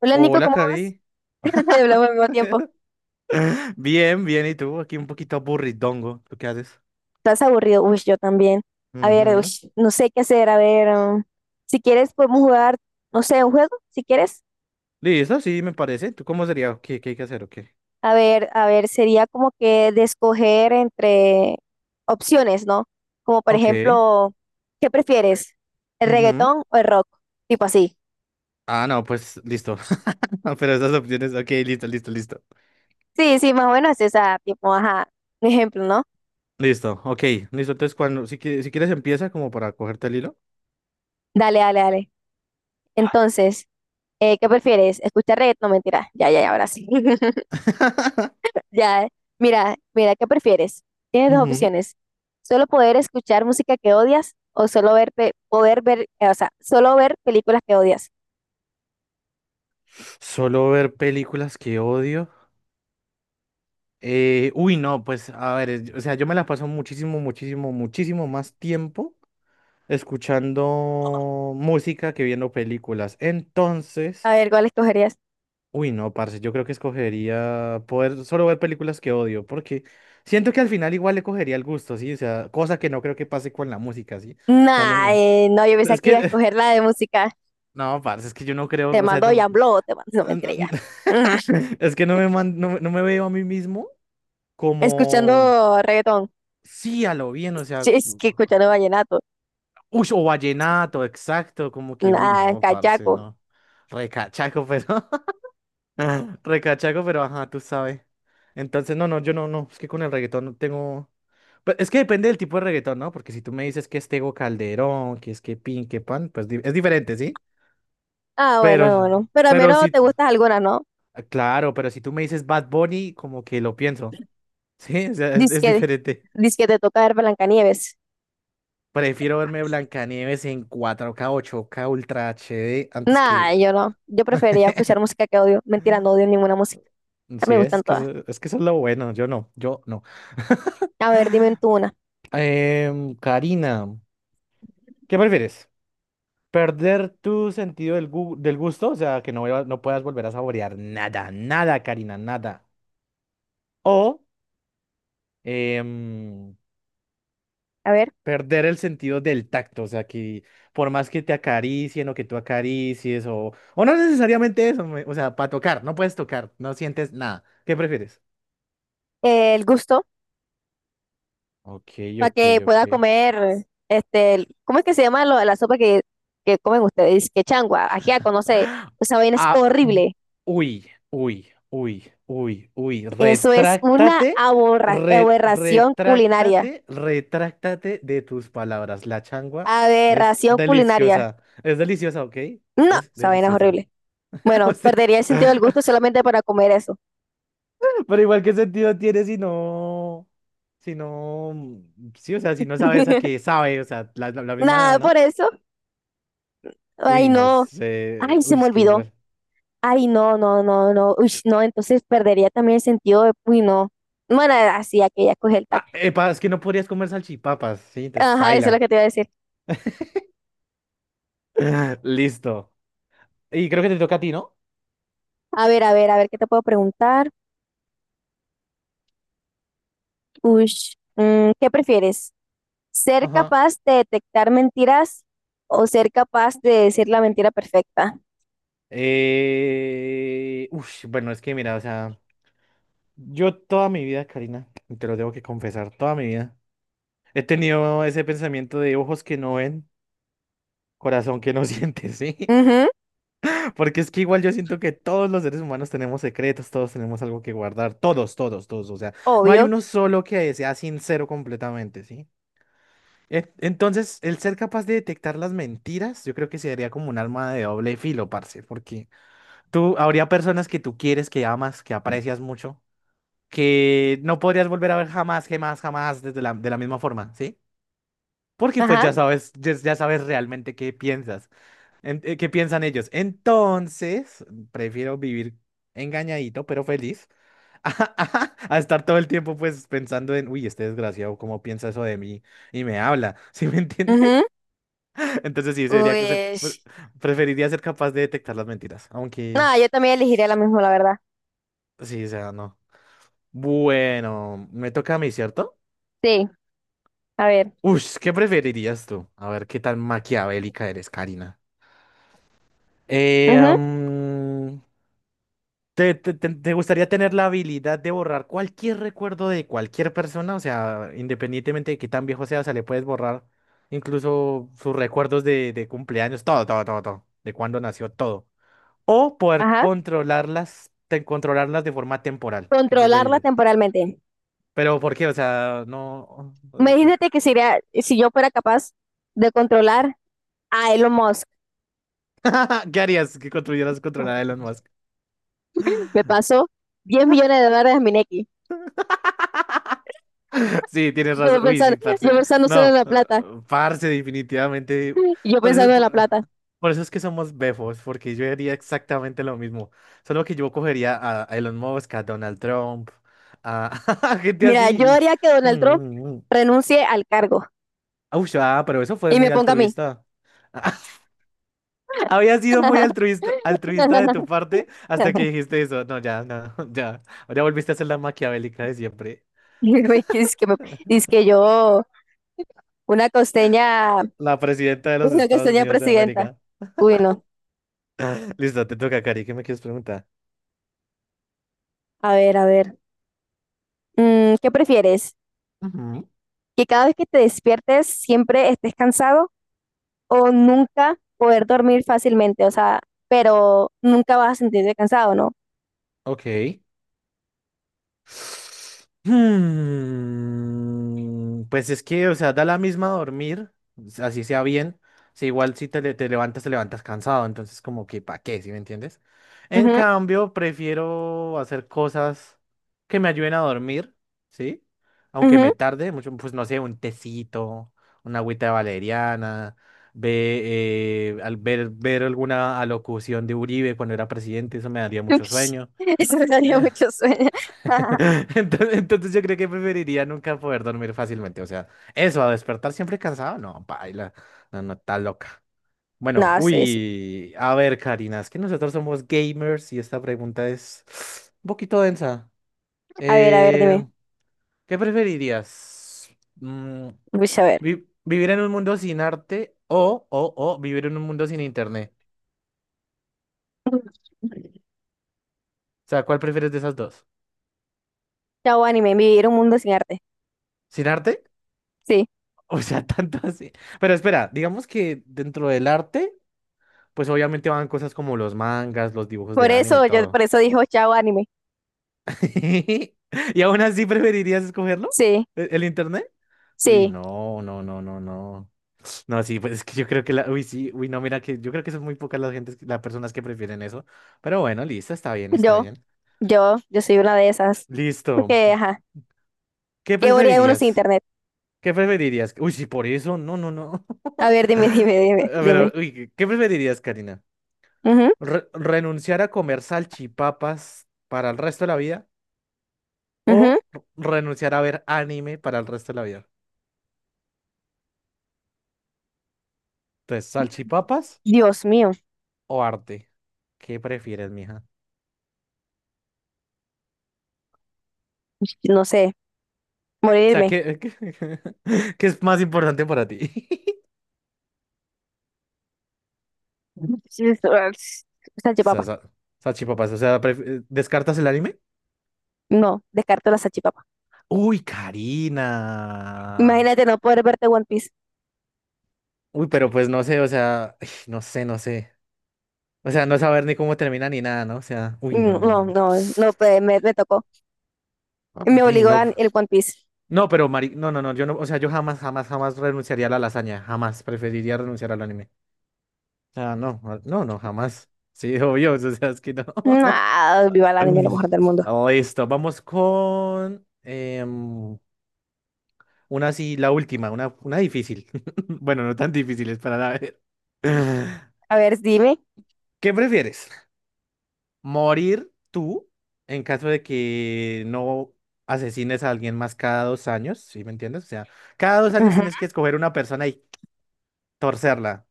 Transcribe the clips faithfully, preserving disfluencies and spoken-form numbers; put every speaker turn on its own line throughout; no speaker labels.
Hola Nico,
Hola,
¿cómo vas?
Cari.
Ya hablamos al mismo tiempo.
Bien, bien, ¿y tú? Aquí un poquito aburridongo. ¿Tú qué haces?
¿Estás aburrido? Uy, yo también. A ver, uy,
Ujú.
no sé qué hacer. A ver, um, si quieres podemos jugar, no sé, un juego, si quieres.
Listo, sí, me parece. ¿Tú cómo sería? ¿Qué, qué hay que hacer? Ok.
A ver, a ver, sería como que de escoger entre opciones, ¿no? Como por
Ok.
ejemplo, ¿qué prefieres? ¿El
Ujú.
reggaetón o el rock? Tipo así.
Ah, no, pues listo. Pero esas opciones, ok, listo, listo, listo.
Sí, sí, más o menos es esa, tipo, ajá, un ejemplo, ¿no?
Listo, ok, listo. Entonces, cuando, si, qui- si quieres, empieza como para cogerte el hilo.
Dale, dale, dale. Entonces, eh, ¿qué prefieres? ¿Escuchar reggaetón? No, mentira. Ya, ya, ya, ahora sí. Ya, mira, mira, ¿qué prefieres? Tienes dos
Ujú.
opciones. Solo poder escuchar música que odias o solo ver, pe- poder ver, eh, o sea, solo ver películas que odias.
Solo ver películas que odio. Eh, uy, no, pues a ver, es- o sea, yo me la paso muchísimo, muchísimo, muchísimo más tiempo escuchando música que viendo películas. Entonces,
A ver, ¿cuál escogerías?
uy, no, parce, yo creo que escogería poder solo ver películas que odio, porque siento que al final igual le cogería el gusto, ¿sí? O sea, cosa que no creo que pase con la música, ¿sí? O sea,
Nah,
no,
eh, no, yo pensé
es
que
que,
iba a escoger la de música.
no, parce, es que yo no
Te
creo, o sea,
mando
no-
Yamblo, te mando, no,
no-
mentira ya.
no-
Ujú.
es que no me, man- no, no me veo a mí mismo como,
Escuchando reggaetón.
sí, a lo bien, o
Sí,
sea,
es que escuchando vallenato.
uy, o vallenato, exacto, como que, uy,
Nah,
no, parce,
cachaco.
no. Recachaco, pero. Ajá, recachaco, pero ajá, tú sabes. Entonces, no, no, yo no, no, es que con el reggaetón no tengo... Pues, es que depende del tipo de reggaetón, ¿no? Porque si tú me dices que es Tego Calderón, que es que Pin, que Pan, pues di- es diferente, ¿sí?
Ah,
Pero,
bueno, no, no. Pero al
pero
menos
si,
te
t-
gustas algunas, ¿no?
ah, claro, pero si tú me dices Bad Bunny, como que lo pienso, ¿sí? O sea, es,
Dice
es diferente.
que, te toca ver Blancanieves.
Prefiero verme Blancanieves en cuatro K, ocho K, Ultra H D antes
Nada,
que...
yo no. Yo preferiría escuchar música que odio. Mentira, no odio ninguna música. Ah,
Sí,
me
es, es
gustan
que
todas.
eso, es que eso, es lo bueno, yo no, yo no.
A ver, dime tú una.
Em, Karina. ¿Qué prefieres? ¿Perder tu sentido del, gu- del gusto? O sea, que no, vuelva- no puedas volver a saborear nada, nada, Karina, nada. O em,
A ver,
perder el sentido del tacto. O sea, que por más que te acaricien o que tú acaricies o... O no necesariamente eso, me- o sea, para tocar, no puedes tocar, no sientes nada. ¿Qué prefieres?
eh, el gusto
Ok,
para
ok,
que
ok.
pueda comer, este, el- ¿cómo es que se llama lo- la sopa que, que comen ustedes? Que changua, ajiaco, no sé. Esa vaina es
Ah, mm,
horrible.
uy, uy, uy, uy, uy.
Eso es una
Retráctate,
aborra-
re-
aberración culinaria.
retráctate, retráctate de tus palabras. La changua es
Aberración culinaria.
deliciosa. Es deliciosa, ¿ok?
No,
Es
esa vaina es
deliciosa.
horrible.
O
Bueno,
sea,
perdería el sentido del gusto solamente para comer eso.
Pero igual, ¿qué sentido tiene si no, si no, mm, sí, o sea, si no sabes a qué sabe, o sea, la, la- la
Nada,
misma,
por
¿no?
eso.
Uy,
Ay,
no
no.
sé.
Ay, se
Uy,
me
es que
olvidó.
igual.
Ay, no, no, no, no. Uy, no, entonces perdería también el sentido de, uy, no. Bueno, así, aquí ya coge el
Ah,
tacto.
epa, es que no podrías comer salchipapas, sí, te
Ajá, eso es lo
espaila.
que te iba a decir.
Listo. Y creo que te toca a ti, ¿no?
A ver, a ver, a ver, ¿qué te puedo preguntar? Uy, mm, ¿qué prefieres? ¿Ser
Ajá.
capaz de detectar mentiras o ser capaz de decir la mentira perfecta?
Eh... Ush, bueno, es que mira, o sea, yo toda mi vida, Karina, y te lo tengo que confesar, toda mi vida, he tenido ese pensamiento de ojos que no ven, corazón que no siente, ¿sí?
Ujú,
Porque es que igual yo siento que todos los seres humanos tenemos secretos, todos tenemos algo que guardar, todos, todos, todos, o sea, no hay
obvio.
uno solo que sea sincero completamente, ¿sí? E- Entonces, el ser capaz de detectar las mentiras, yo creo que sería como un arma de doble filo, parce, porque tú, habría personas que tú quieres, que amas, que aprecias mucho, que no podrías volver a ver jamás, jamás, jamás desde la, de la misma forma, ¿sí? Porque pues
Ajá.
ya sabes, ya, ya sabes realmente qué piensas, en- eh, qué piensan ellos. Entonces, prefiero vivir engañadito, pero feliz, a, estar todo el tiempo pues pensando en, uy, este desgraciado, ¿cómo piensa eso de mí? Y me habla, ¿sí me
Ujú.
entiendes? Entonces sí, sería que se
Uy,
pre- preferiría ser capaz de detectar las mentiras, aunque
no, yo también elegiría la misma, la verdad.
pues sí, o sea, no. Bueno, me toca a mí, ¿cierto?
Sí, a ver.
Uy, ¿qué preferirías tú? A ver, ¿qué tan maquiavélica eres, Karina? Eh,
Ujú,
am, ¿te, te- te- te gustaría tener la habilidad de borrar cualquier recuerdo de cualquier persona? O sea, independientemente de qué tan viejo sea, o sea, le puedes borrar incluso sus recuerdos de, de, cumpleaños, todo, todo, todo, todo, de cuándo nació, todo. O poder
ajá.
controlarlas, te- controlarlas de forma temporal. ¿Qué
Controlarla
preferirías?
temporalmente.
Pero ¿por qué? O sea, no.
Imagínate que sería, si yo fuera capaz de controlar a Elon Musk,
¿Qué harías que construyeras controlar a Elon Musk?
me pasó diez millones de dólares a Mineki.
Sí, tienes
Yo
razón. Uy,
pensando,
sí,
yo
parce.
pensando solo en
No,
la
eh,
plata,
parce, definitivamente.
yo
Por eso,
pensando en la
por,
plata.
por eso es que somos befos, porque yo haría exactamente lo mismo. Solo que yo cogería a, a Elon Musk, a Donald Trump, a, a gente
Mira,
así.
yo
Ush.
haría que
Mm,
Donald Trump
mm, mm.
renuncie al cargo
Ush, ah, pero eso fue
y me
muy
ponga a mí.
altruista. Había sido muy altruista, altruista de tu parte hasta que dijiste eso. No, ya, no, ya. Ya volviste a ser la maquiavélica de siempre.
Dice que, es que, me- dice que yo, una costeña,
La presidenta de los
una
Estados
costeña
Unidos de
presidenta.
América.
Uy, no.
Listo, te toca, Cari. ¿Qué me quieres preguntar?
A ver, a ver. Mm, ¿qué prefieres?
Ujú.
¿Que cada vez que te despiertes siempre estés cansado o nunca poder dormir fácilmente, o sea, pero nunca vas a sentirte cansado, ¿no?
Ok. Hmm, Pues es que, o sea, da la misma dormir, así sea bien. Si igual si te, le- te levantas, te levantas cansado, entonces como que, ¿para qué? ¿Sí me entiendes? En
Ujú,
cambio, prefiero hacer cosas que me ayuden a dormir, ¿sí? Aunque
ujú.
me tarde mucho, pues no sé, un tecito, una agüita de valeriana, ve, eh, al ver, ver alguna alocución de Uribe cuando era presidente, eso me daría mucho
Ush,
sueño.
eso me daría mucho sueño.
Entonces, entonces yo creo que preferiría nunca poder dormir fácilmente. O sea, eso, a despertar siempre cansado, no, baila, no, no, está loca. Bueno,
No, sí, sí.
uy, a ver, Karina, es que nosotros somos gamers y esta pregunta es un poquito densa.
A ver, a ver, dime.
Eh, ¿qué preferirías? Mm,
Ush, a ver.
vi- ¿vivir en un mundo sin arte o, o, o vivir en un mundo sin internet? O sea, ¿cuál prefieres de esas dos?
Chao anime, vivir un mundo sin arte.
¿Sin arte?
Sí.
O sea, tanto así. Pero espera, digamos que dentro del arte, pues obviamente van cosas como los mangas, los dibujos de
Por
anime y
eso, yo por
todo.
eso dijo chao anime.
¿Y aún así preferirías escogerlo?
Sí,
¿E- ¿El internet? Uy,
sí.
no, no, no, no, no. No, sí, pues es que yo creo que la, uy, sí, uy, no, mira que yo creo que son muy pocas las gentes, las personas que prefieren eso. Pero bueno, listo, está bien, está
Yo,
bien.
yo, yo soy una de esas.
Listo.
Porque, ajá.
¿Qué
¿Qué haría uno sin
preferirías?
internet?
¿Qué preferirías? Uy, sí, por eso, no, no, no.
A ver, dime,
A-
dime, dime, dime.
Pero, uy, ¿qué qué preferirías, Karina?
Ujú,
Re- ¿renunciar a comer salchipapas para el resto de la vida?
ujú.
O renunciar a ver anime para el resto de la vida. Entonces, salchipapas
Dios mío.
o arte. ¿Qué prefieres, mija?
No sé.
O sea,
Morirme.
¿qué, qué, qué es más importante para ti?
Sí, es- es-
O sea,
salchipapa.
sa- salchipapas, o sea, pref- ¿descartas el anime?
No, descarto la salchipapa.
Uy, Karina.
Imagínate no poder verte One Piece.
Uy, pero pues no sé, o sea, no sé, no sé. O sea, no saber ni cómo termina ni nada, ¿no? O sea, uy, no,
Mm,
no,
no,
no.
no, no, pues, me, me tocó. Me
Y
obligó
no,
a- el One Piece.
no, pero Mari, no, no, no, yo no, o sea, yo jamás, jamás, jamás renunciaría a la lasaña, jamás preferiría renunciar al anime. Ah, no, ah, no, no, jamás. Sí, obvio, o sea, es que no.
Ah, viva el anime, lo mejor del mundo.
Oh, listo, vamos con em, una así, la última, una, una difícil. Bueno, no tan difíciles para la ver.
A ver, dime.
¿Qué prefieres? ¿Morir tú en caso de que no asesines a alguien más cada dos años? ¿Sí me entiendes? O sea, cada dos años
Ujú,
tienes que escoger una persona y torcerla.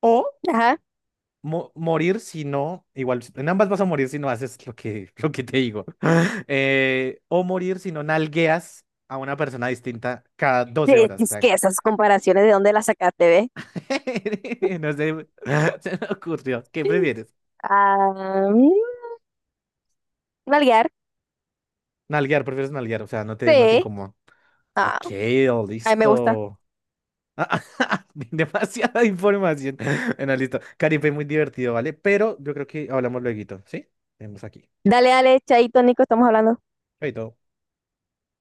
O
ajá.
mo- morir si no, igual, en ambas vas a morir si no haces lo que, lo que, te digo. Eh, o morir si no nalgueas a una persona distinta cada doce
Eh,
horas. O
Es
sea,
que esas comparaciones, ¿de dónde las sacaste, ve?
no sé, se me ocurrió. ¿Qué prefieres?
Ah, mm, nalguear.
Nalguear, prefieres nalguear, o sea, no te, no te
Sí.
incomoda.
Ah,
Ok, oh,
a mí me gusta.
listo. Demasiada información. Bueno, listo. Caripe, muy divertido, ¿vale? Pero yo creo que hablamos luego, ¿sí? Vemos aquí.
Dale, dale, Chaito, Nico, estamos hablando.
Chaito.